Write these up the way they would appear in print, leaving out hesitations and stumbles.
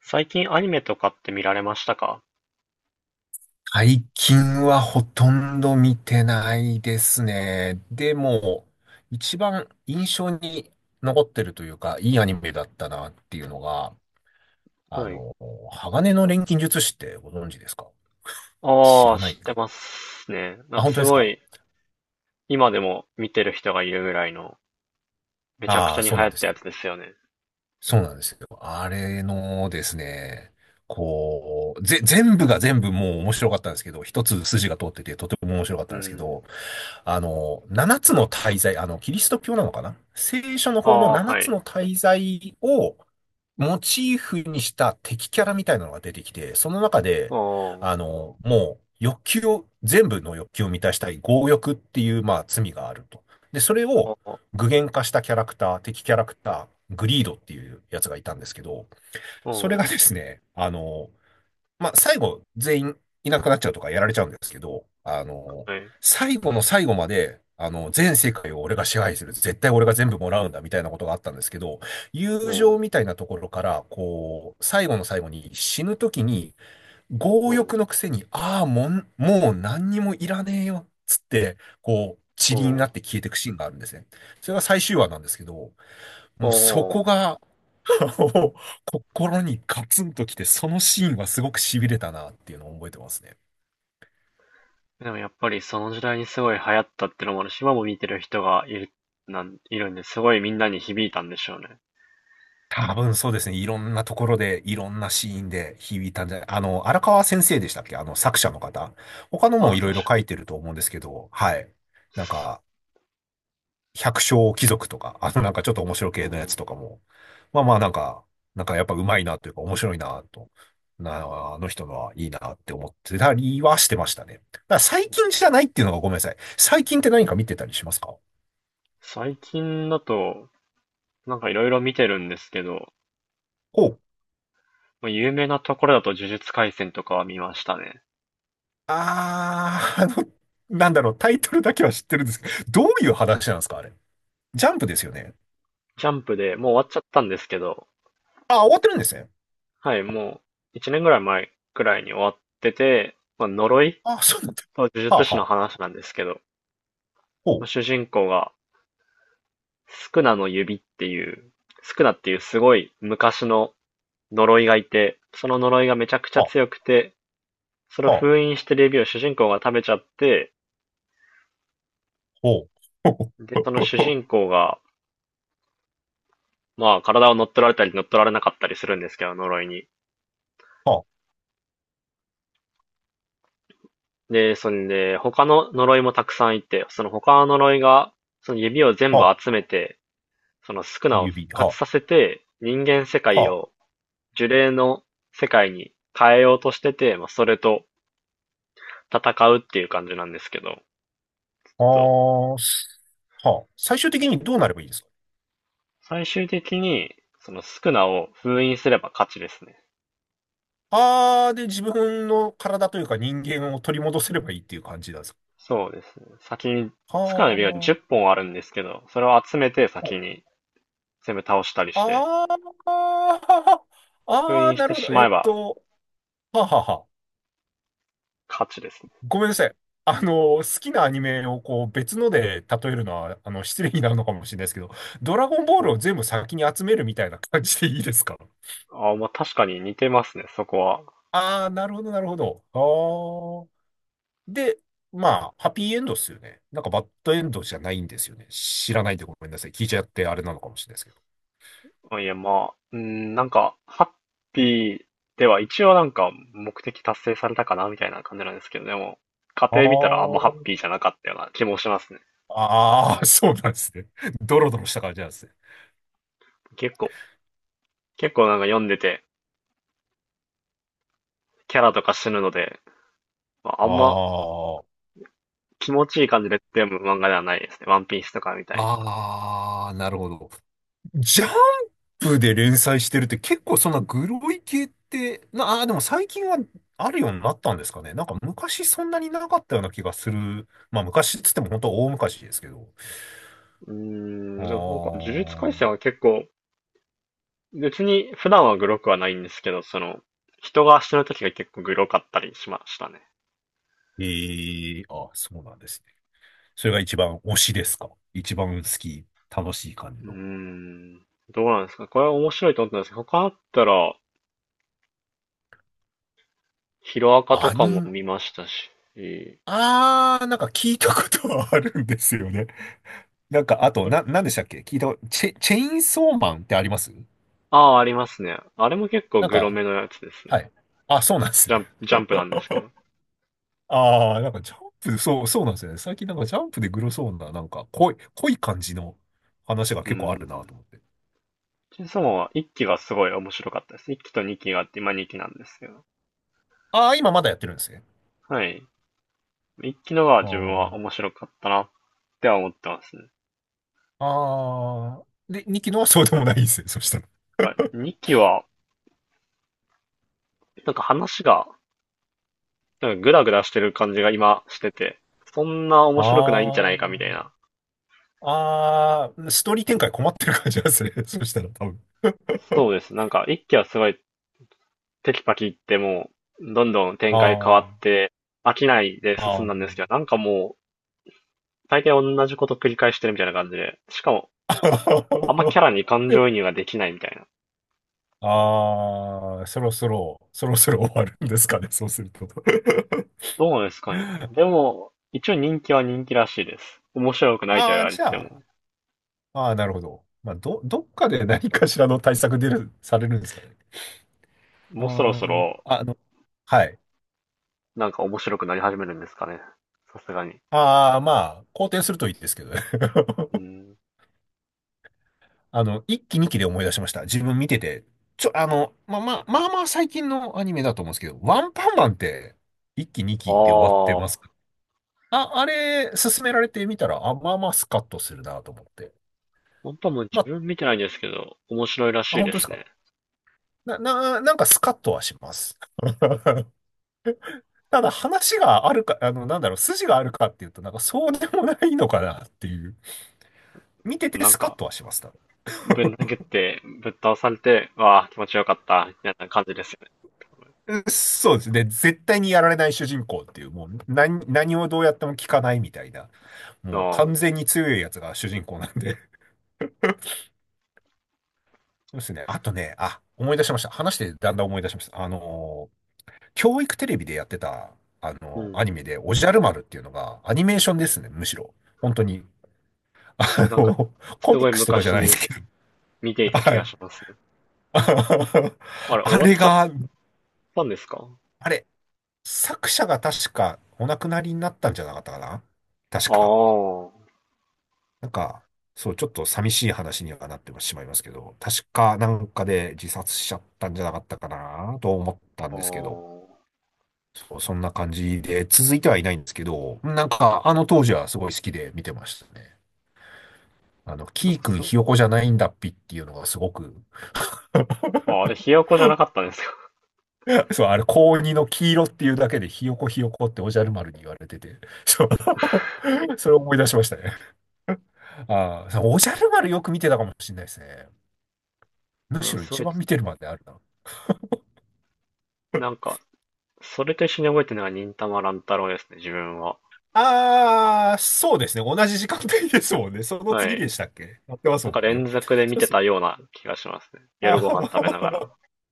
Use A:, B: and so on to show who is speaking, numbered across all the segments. A: 最近アニメとかって見られましたか？
B: 最近はほとんど見てないですね。でも、一番印象に残ってるというか、いいアニメだったなっていうのが、あ
A: はい。
B: の、鋼の錬金術師ってご存知ですか？知
A: ああ、
B: らな
A: 知
B: い
A: って
B: か。
A: ますね。なん
B: あ、
A: か
B: 本当
A: す
B: です
A: ご
B: か？
A: い、今でも見てる人がいるぐらいの、めちゃく
B: あ
A: ち
B: あ
A: ゃ
B: ー、
A: に
B: そ
A: 流
B: う
A: 行
B: なんで
A: っ
B: す
A: たや
B: よ。
A: つですよね。
B: そうなんですよ。あれのですね、こう、全部が全部もう面白かったんですけど、一つ筋が通っててとても面白かっ
A: う
B: たんですけ
A: ん。
B: ど、あの、七つの大罪、あの、キリスト教なのかな、聖書の
A: あ
B: 方の
A: あ、
B: 七
A: は
B: つ
A: い。
B: の大罪をモチーフにした敵キャラみたいなのが出てきて、その中
A: あ
B: で、
A: あ、
B: あの、もう欲求を、全部の欲求を満たしたい、強欲っていう、まあ、罪があると。で、それを
A: ああ、
B: 具現化したキャラクター、敵キャラクター、グリードっていうやつがいたんですけど、
A: う
B: それが
A: ん、
B: ですね、あの、まあ、最後、全員いなくなっちゃうとかやられちゃうんですけど、あの、
A: はい。
B: 最後の最後まで、あの、全世界を俺が支配する。絶対俺が全部もらうんだ、みたいなことがあったんですけど、
A: う
B: 友情
A: ん、
B: みたいなところから、こう、最後の最後に死ぬ時に、
A: う
B: 強
A: ん、
B: 欲のくせに、ああ、もう何にもいらねえよ、つって、こう、
A: う
B: 塵に
A: ん、
B: なって消えていくシーンがあるんですね。それが最終話なんですけど、
A: う
B: もうそこ
A: ん。
B: が、お心にガツンときて、そのシーンはすごく痺れたなっていうのを覚えてますね。
A: でもやっぱりその時代にすごい流行ったってのもあるし、今も見てる人がいる、いるんで、すごいみんなに響いたんでしょうね。
B: 多分そうですね。いろんなところで、いろんなシーンで響いたんじゃない、あの、荒川先生でしたっけ、あの、作者の方。他の
A: あ
B: も
A: あ、
B: いろいろ
A: 確
B: 書
A: か。
B: いてると思うんですけど、はい。なんか、百姓貴族とか、あの、なんかちょっと面白
A: う
B: 系のや
A: ん、
B: つとかも、まあまあなんか、なんかやっぱ上手いなというか面白いなと、な、あの人のはいいなって思ってたりはしてましたね。だから最近じゃないっていうのがごめんなさい。最近って何か見てたりしますか？
A: 最近だと、なんかいろいろ見てるんですけど、
B: ほう。
A: まあ、有名なところだと呪術廻戦とかは見ましたね。
B: あー、あの、なんだろう、タイトルだけは知ってるんですけど、どういう話なんですかあれ。ジャンプですよね。
A: ジャンプでもう終わっちゃったんですけど、
B: あ、終わってるんですね。
A: はい、もう1年ぐらい前くらいに終わってて、まあ、呪い
B: あ、そうなんだ。
A: と呪
B: は
A: 術
B: あ
A: 師の
B: はあ。
A: 話なんですけど、
B: ほ
A: まあ
B: う。
A: 主人公がスクナの指っていう、スクナっていうすごい昔の呪いがいて、その呪いがめちゃくちゃ
B: は
A: 強くて、それを
B: あ、はあ、
A: 封印してる指を主人公が食べちゃって、
B: ほう。ほう、
A: で、その主人公が、まあ体を乗っ取られたり乗っ取られなかったりするんですけど、呪いに。
B: は
A: で、そんで、他の呪いもたくさんいて、その他の呪いが、その指を全
B: あ、
A: 部
B: はあ、
A: 集めて、そのスクナを復
B: 指、
A: 活
B: は
A: させて、人間世
B: あ、
A: 界
B: は
A: を
B: あ。
A: 呪霊の世界に変えようとしてて、まあ、それと戦うっていう感じなんですけど、
B: あ
A: そう
B: あ、す、はあ、最終的にどうなればいいですか？
A: 最終的に、そのスクナを封印すれば勝ちですね。
B: ああー、で、自分の体というか人間を取り戻せればいいっていう感じなんですか？
A: そうですね。先に、
B: は
A: スクナの指が10本あるんですけど、それを集めて
B: あ、
A: 先に全部倒したりして、
B: ああ、
A: 封
B: ああ、
A: 印し
B: な
A: て
B: るほ
A: し
B: ど。え
A: ま
B: っ
A: えば
B: と、はあはあはあ。
A: 勝ちですね。
B: ごめんなさい。あの、好きなアニメをこう別ので例えるのは、あの、失礼になるのかもしれないですけど、ドラゴンボー
A: う
B: ル
A: ん、
B: を全部先に集めるみたいな感じでいいですか？
A: ああ、まあ確かに似てますね、そこは。
B: ああー、なるほど、なるほど。で、まあ、ハッピーエンドっすよね。なんかバッドエンドじゃないんですよね。知らないでごめんなさい。聞いちゃってあれなのかもしれないですけど。
A: あいや、まあ、うん、なんか、ハッピーでは一応なんか目的達成されたかなみたいな感じなんですけど、でも、家庭見たらあんまハッピーじゃなかったような気もしますね。
B: ああああ、そうなんですね。ドロドロした感じなんですね。
A: 結構、結構なんか読んでて、キャラとか死ぬので、まあ、あ
B: あ
A: んま
B: あ。
A: 気持ちいい感じで読む漫画ではないですね。ワンピースとかみたいに。
B: ああ、なるほど。ジャンプで連載してるって結構そんなグロい系って、な、ああ、でも最近はあるようになったんですかね。なんか昔そんなになかったような気がする。まあ、昔っつっても本当大昔ですけど。
A: うーん、
B: ああ、
A: でもなんか、呪術廻戦は結構、別に普段はグロくはないんですけど、その、人が死ぬ時が結構グロかったりしましたね。
B: ええあ、そうなんですね。それが一番推しですか？一番好き、楽しい感じ
A: うー
B: の。
A: ん。どうなんですか？これは面白いと思ったんですけど、他あったら、ヒロアカと
B: ア
A: かも
B: ニメ、
A: 見ましたし、
B: あー、なんか聞いたことはあるんですよね。なんか、あと、
A: これ、
B: なんでしたっけ聞いたこと、チェインソーマンってあります？
A: ああ、ありますね。あれも結構
B: なん
A: グロ
B: か、
A: めのやつですね。
B: はい。あ、そうなんですね。
A: ジャンプなんですけど。
B: あー、なんかジャンプ、そう、そうなんですよね。最近なんかジャンプでグロそうな、なんか濃い、濃い感じの話が
A: う
B: 結構あるな
A: ん。
B: と思って。
A: チェンソーマンは1期がすごい面白かったです。1期と2期があって、今2期なんですけど。
B: あー、今まだやってるんですね。
A: はい。1期のが
B: あ
A: 自分は面
B: ー、
A: 白かったなっては思ってますね。
B: あー、で、2期のはそうでもないんですね。そしたら。
A: な2期は、なんか話が、なんかグダグダしてる感じが今してて、そんな面白くないんじゃな
B: あ
A: い
B: ー。
A: かみたいな、
B: ああ、ストーリー展開困ってる感じですね。そしたら多分。
A: そうです。なんか、一期はすごいテキパキ言ってもう、どんどん展開変わ
B: あ
A: って、飽きないで
B: あ、あ
A: 進
B: あ。
A: んだんですけど、なんかもう、大体同じこと繰り返してるみたいな感じで、しかも、あんまキャラに感情移入ができないみたいな。
B: ああ、そろそろ、そろそろ終わるんですかね、そうすると。
A: どうですかね。でも、一応人気は人気らしいです。面白くないとは
B: あ
A: 言
B: あ、
A: われ
B: じ
A: て
B: ゃ
A: ても、
B: あ、ああ、なるほど。まあ、どっかで何かしらの対策出る、されるんですかね。あ
A: もうそろそろ、
B: あ、あの、はい。
A: なんか面白くなり始めるんですかね。さすがに。
B: ああ、まあ、好転するといいですけどね。
A: うん。
B: あの、一期二期で思い出しました。自分見てて。ちょ、あの、まあまあ、まあまあ最近のアニメだと思うんですけど、ワンパンマンって一期二期で終わって
A: あ
B: ま
A: あ、
B: す。あ、あれ、勧められてみたら、あ、まあまあスカッとするなと思って。
A: 本当はもう
B: ま
A: 自
B: あ、
A: 分見てないんですけど、面白いらし
B: あ、
A: い
B: 本
A: で
B: 当です
A: す
B: か。
A: ね。
B: なんかスカッとはします。ただ話があるか、あの、なんだろう、筋があるかっていうと、なんかそうでもないのかなっていう。見てて
A: なん
B: スカッ
A: か、
B: とはします。多分
A: ぶん投げて、ぶっ倒されて、わあ、気持ちよかった、みたいな感じですよね。
B: うんそうですね。絶対にやられない主人公っていう、もう何をどうやっても聞かないみたいな。もう
A: あ
B: 完
A: あ、
B: 全に強いやつが主人公なんで。そうですね。あとね、あ、思い出しました。話してだんだん思い出しました。あのー、教育テレビでやってた、あ
A: う
B: のー、
A: ん。
B: アニメで、おじゃる丸っていうのが、アニメーションですね、むしろ。本当に。あの
A: なんか、
B: ー、コ
A: す
B: ミ
A: ご
B: ッ
A: い
B: クスとかじゃ
A: 昔
B: ないです
A: に
B: け
A: 見てい
B: ど。
A: た気
B: は
A: が
B: い。
A: しますね。あ れ、終
B: あ
A: わっ
B: れ
A: ちゃっ
B: が、
A: たんですか？
B: あれ、作者が確かお亡くなりになったんじゃなかったかな、確
A: あ
B: か。
A: あ、
B: なんか、そう、ちょっと寂しい話にはなってしまいますけど、確かなんかで自殺しちゃったんじゃなかったかなと思ったん
A: あ
B: ですけど、
A: あ。
B: そう、そんな感じで、続いてはいないんですけど、なんかあの当時はすごい好きで見てましたね。あの、
A: な
B: キ
A: ん
B: ー
A: か
B: 君
A: す、
B: ひよこじゃないんだっぴっていうのがすごく
A: あ、あれ、ひよこじゃなかったんですよ。
B: そう、あれ、高2の黄色っていうだけでひよこひよこっておじゃる丸に言われてて、そう、それを思い出しましたね。ああ、そう、おじゃる丸よく見てたかもしれないですね。む
A: う
B: し
A: ん、
B: ろ
A: すご
B: 一
A: い、
B: 番見てるまであるな。
A: なんか、それと一緒に覚えてるのが忍たま乱太郎ですね、自分は。
B: ああ、そうですね。同じ時間帯ですもんね。その
A: は
B: 次で
A: い。
B: したっけ、やってます
A: なん
B: も
A: か
B: んね。
A: 連続で
B: そう
A: 見
B: で
A: て
B: す。
A: たような気がしますね。
B: あ
A: 夜ご飯食べなが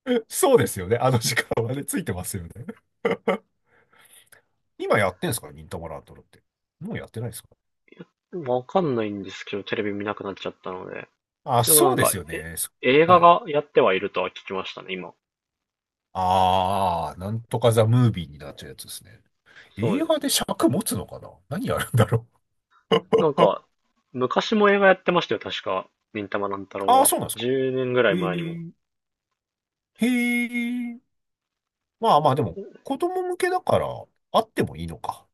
B: ー、 そうですよね。あの時間はね、ついてますよね。今やってんすか忍たま乱太郎って。もうやってないですか？
A: ら。わかんないんですけど、テレビ見なくなっちゃったので。
B: あ、
A: でもな
B: そう
A: ん
B: で
A: か、
B: すよ
A: え、
B: ね。そ、
A: 映画
B: はい。
A: がやってはいるとは聞きましたね、今。
B: ああ、なんとかザ・ムービーになっちゃうやつですね。
A: そ
B: 映
A: うです
B: 画で
A: ね。
B: 尺持つのかな、何やるんだろ
A: なん
B: う。
A: か、昔も映画やってましたよ、確か。忍たま乱太郎
B: ああ、
A: は。
B: そうなんですか。
A: 10年ぐらい
B: へ
A: 前にも。
B: え、へえ。まあまあ、でも、子供向けだから、あってもいいのか。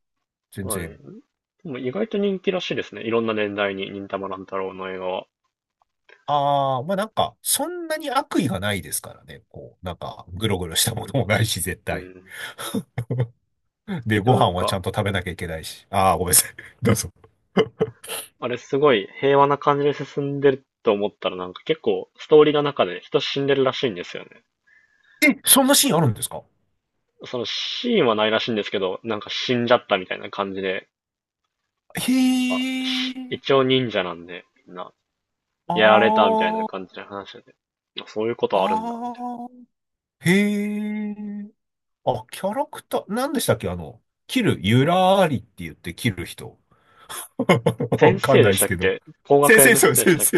B: 全
A: はい。
B: 然。
A: でも意外と人気らしいですね。いろんな年代に忍たま乱太郎の映画は。
B: ああ、まあなんか、そんなに悪意がないですからね。こう、なんか、ぐろぐろしたものもないし、絶
A: う
B: 対。
A: ん。
B: で、
A: で
B: ご
A: もな
B: 飯
A: ん
B: はちゃ
A: か、
B: んと食べなきゃいけないし。ああ、ごめんなさい。どうぞ。
A: あれすごい平和な感じで進んでると思ったらなんか結構ストーリーの中で人死んでるらしいんですよね。
B: え、そんなシーンあるんですか？
A: そのシーンはないらしいんですけど、なんか死んじゃったみたいな感じで、
B: へ
A: あ、
B: え、
A: 一応忍者なんで、みんな。
B: あ
A: やられたみたいな
B: ー、
A: 感じで話してて。あそういうことあるんだ、みたい
B: あー、へえ、あ、キャラクター、何でしたっけあの、キル、ユラーリって言ってキル人。
A: な。先
B: わかん
A: 生で
B: ないで
A: した
B: すけ
A: っ
B: ど。
A: け工学
B: 先
A: 園
B: 生、
A: の
B: そ
A: 人
B: う、
A: でし
B: 先
A: たっけ？
B: 生。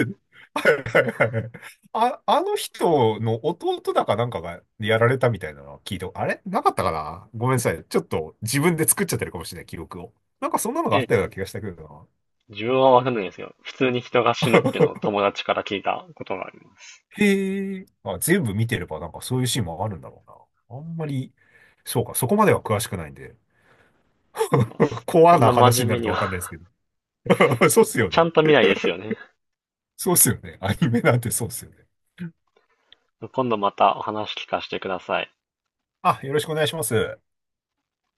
B: はいはいはいはい。あ、あの人の弟だかなんかがやられたみたいなのは聞いた。あれなかったかな、ごめんなさい。ちょっと自分で作っちゃってるかもしれない、記録を。なんかそんなのがあ
A: え、
B: ったような気がしたけど
A: 自分はわかんないんですけど、普通に人が死
B: な。
A: ぬってのを 友達から聞いたことがあります。
B: へえ。あ、全部見てればなんかそういうシーンもあるんだろうな。あんまり、そうか、そこまでは詳しくないんで。
A: ます
B: コ
A: そ
B: ア
A: ん
B: な
A: な真
B: 話
A: 面
B: にな
A: 目
B: る
A: に
B: と
A: は、
B: わかんないですけど。そうっす よ
A: ちゃ
B: ね。
A: んと見ないですよね。
B: そうっすよね。アニメなんてそうっすよね。
A: 今度またお話聞かせてください。
B: あ、よろしくお願いします。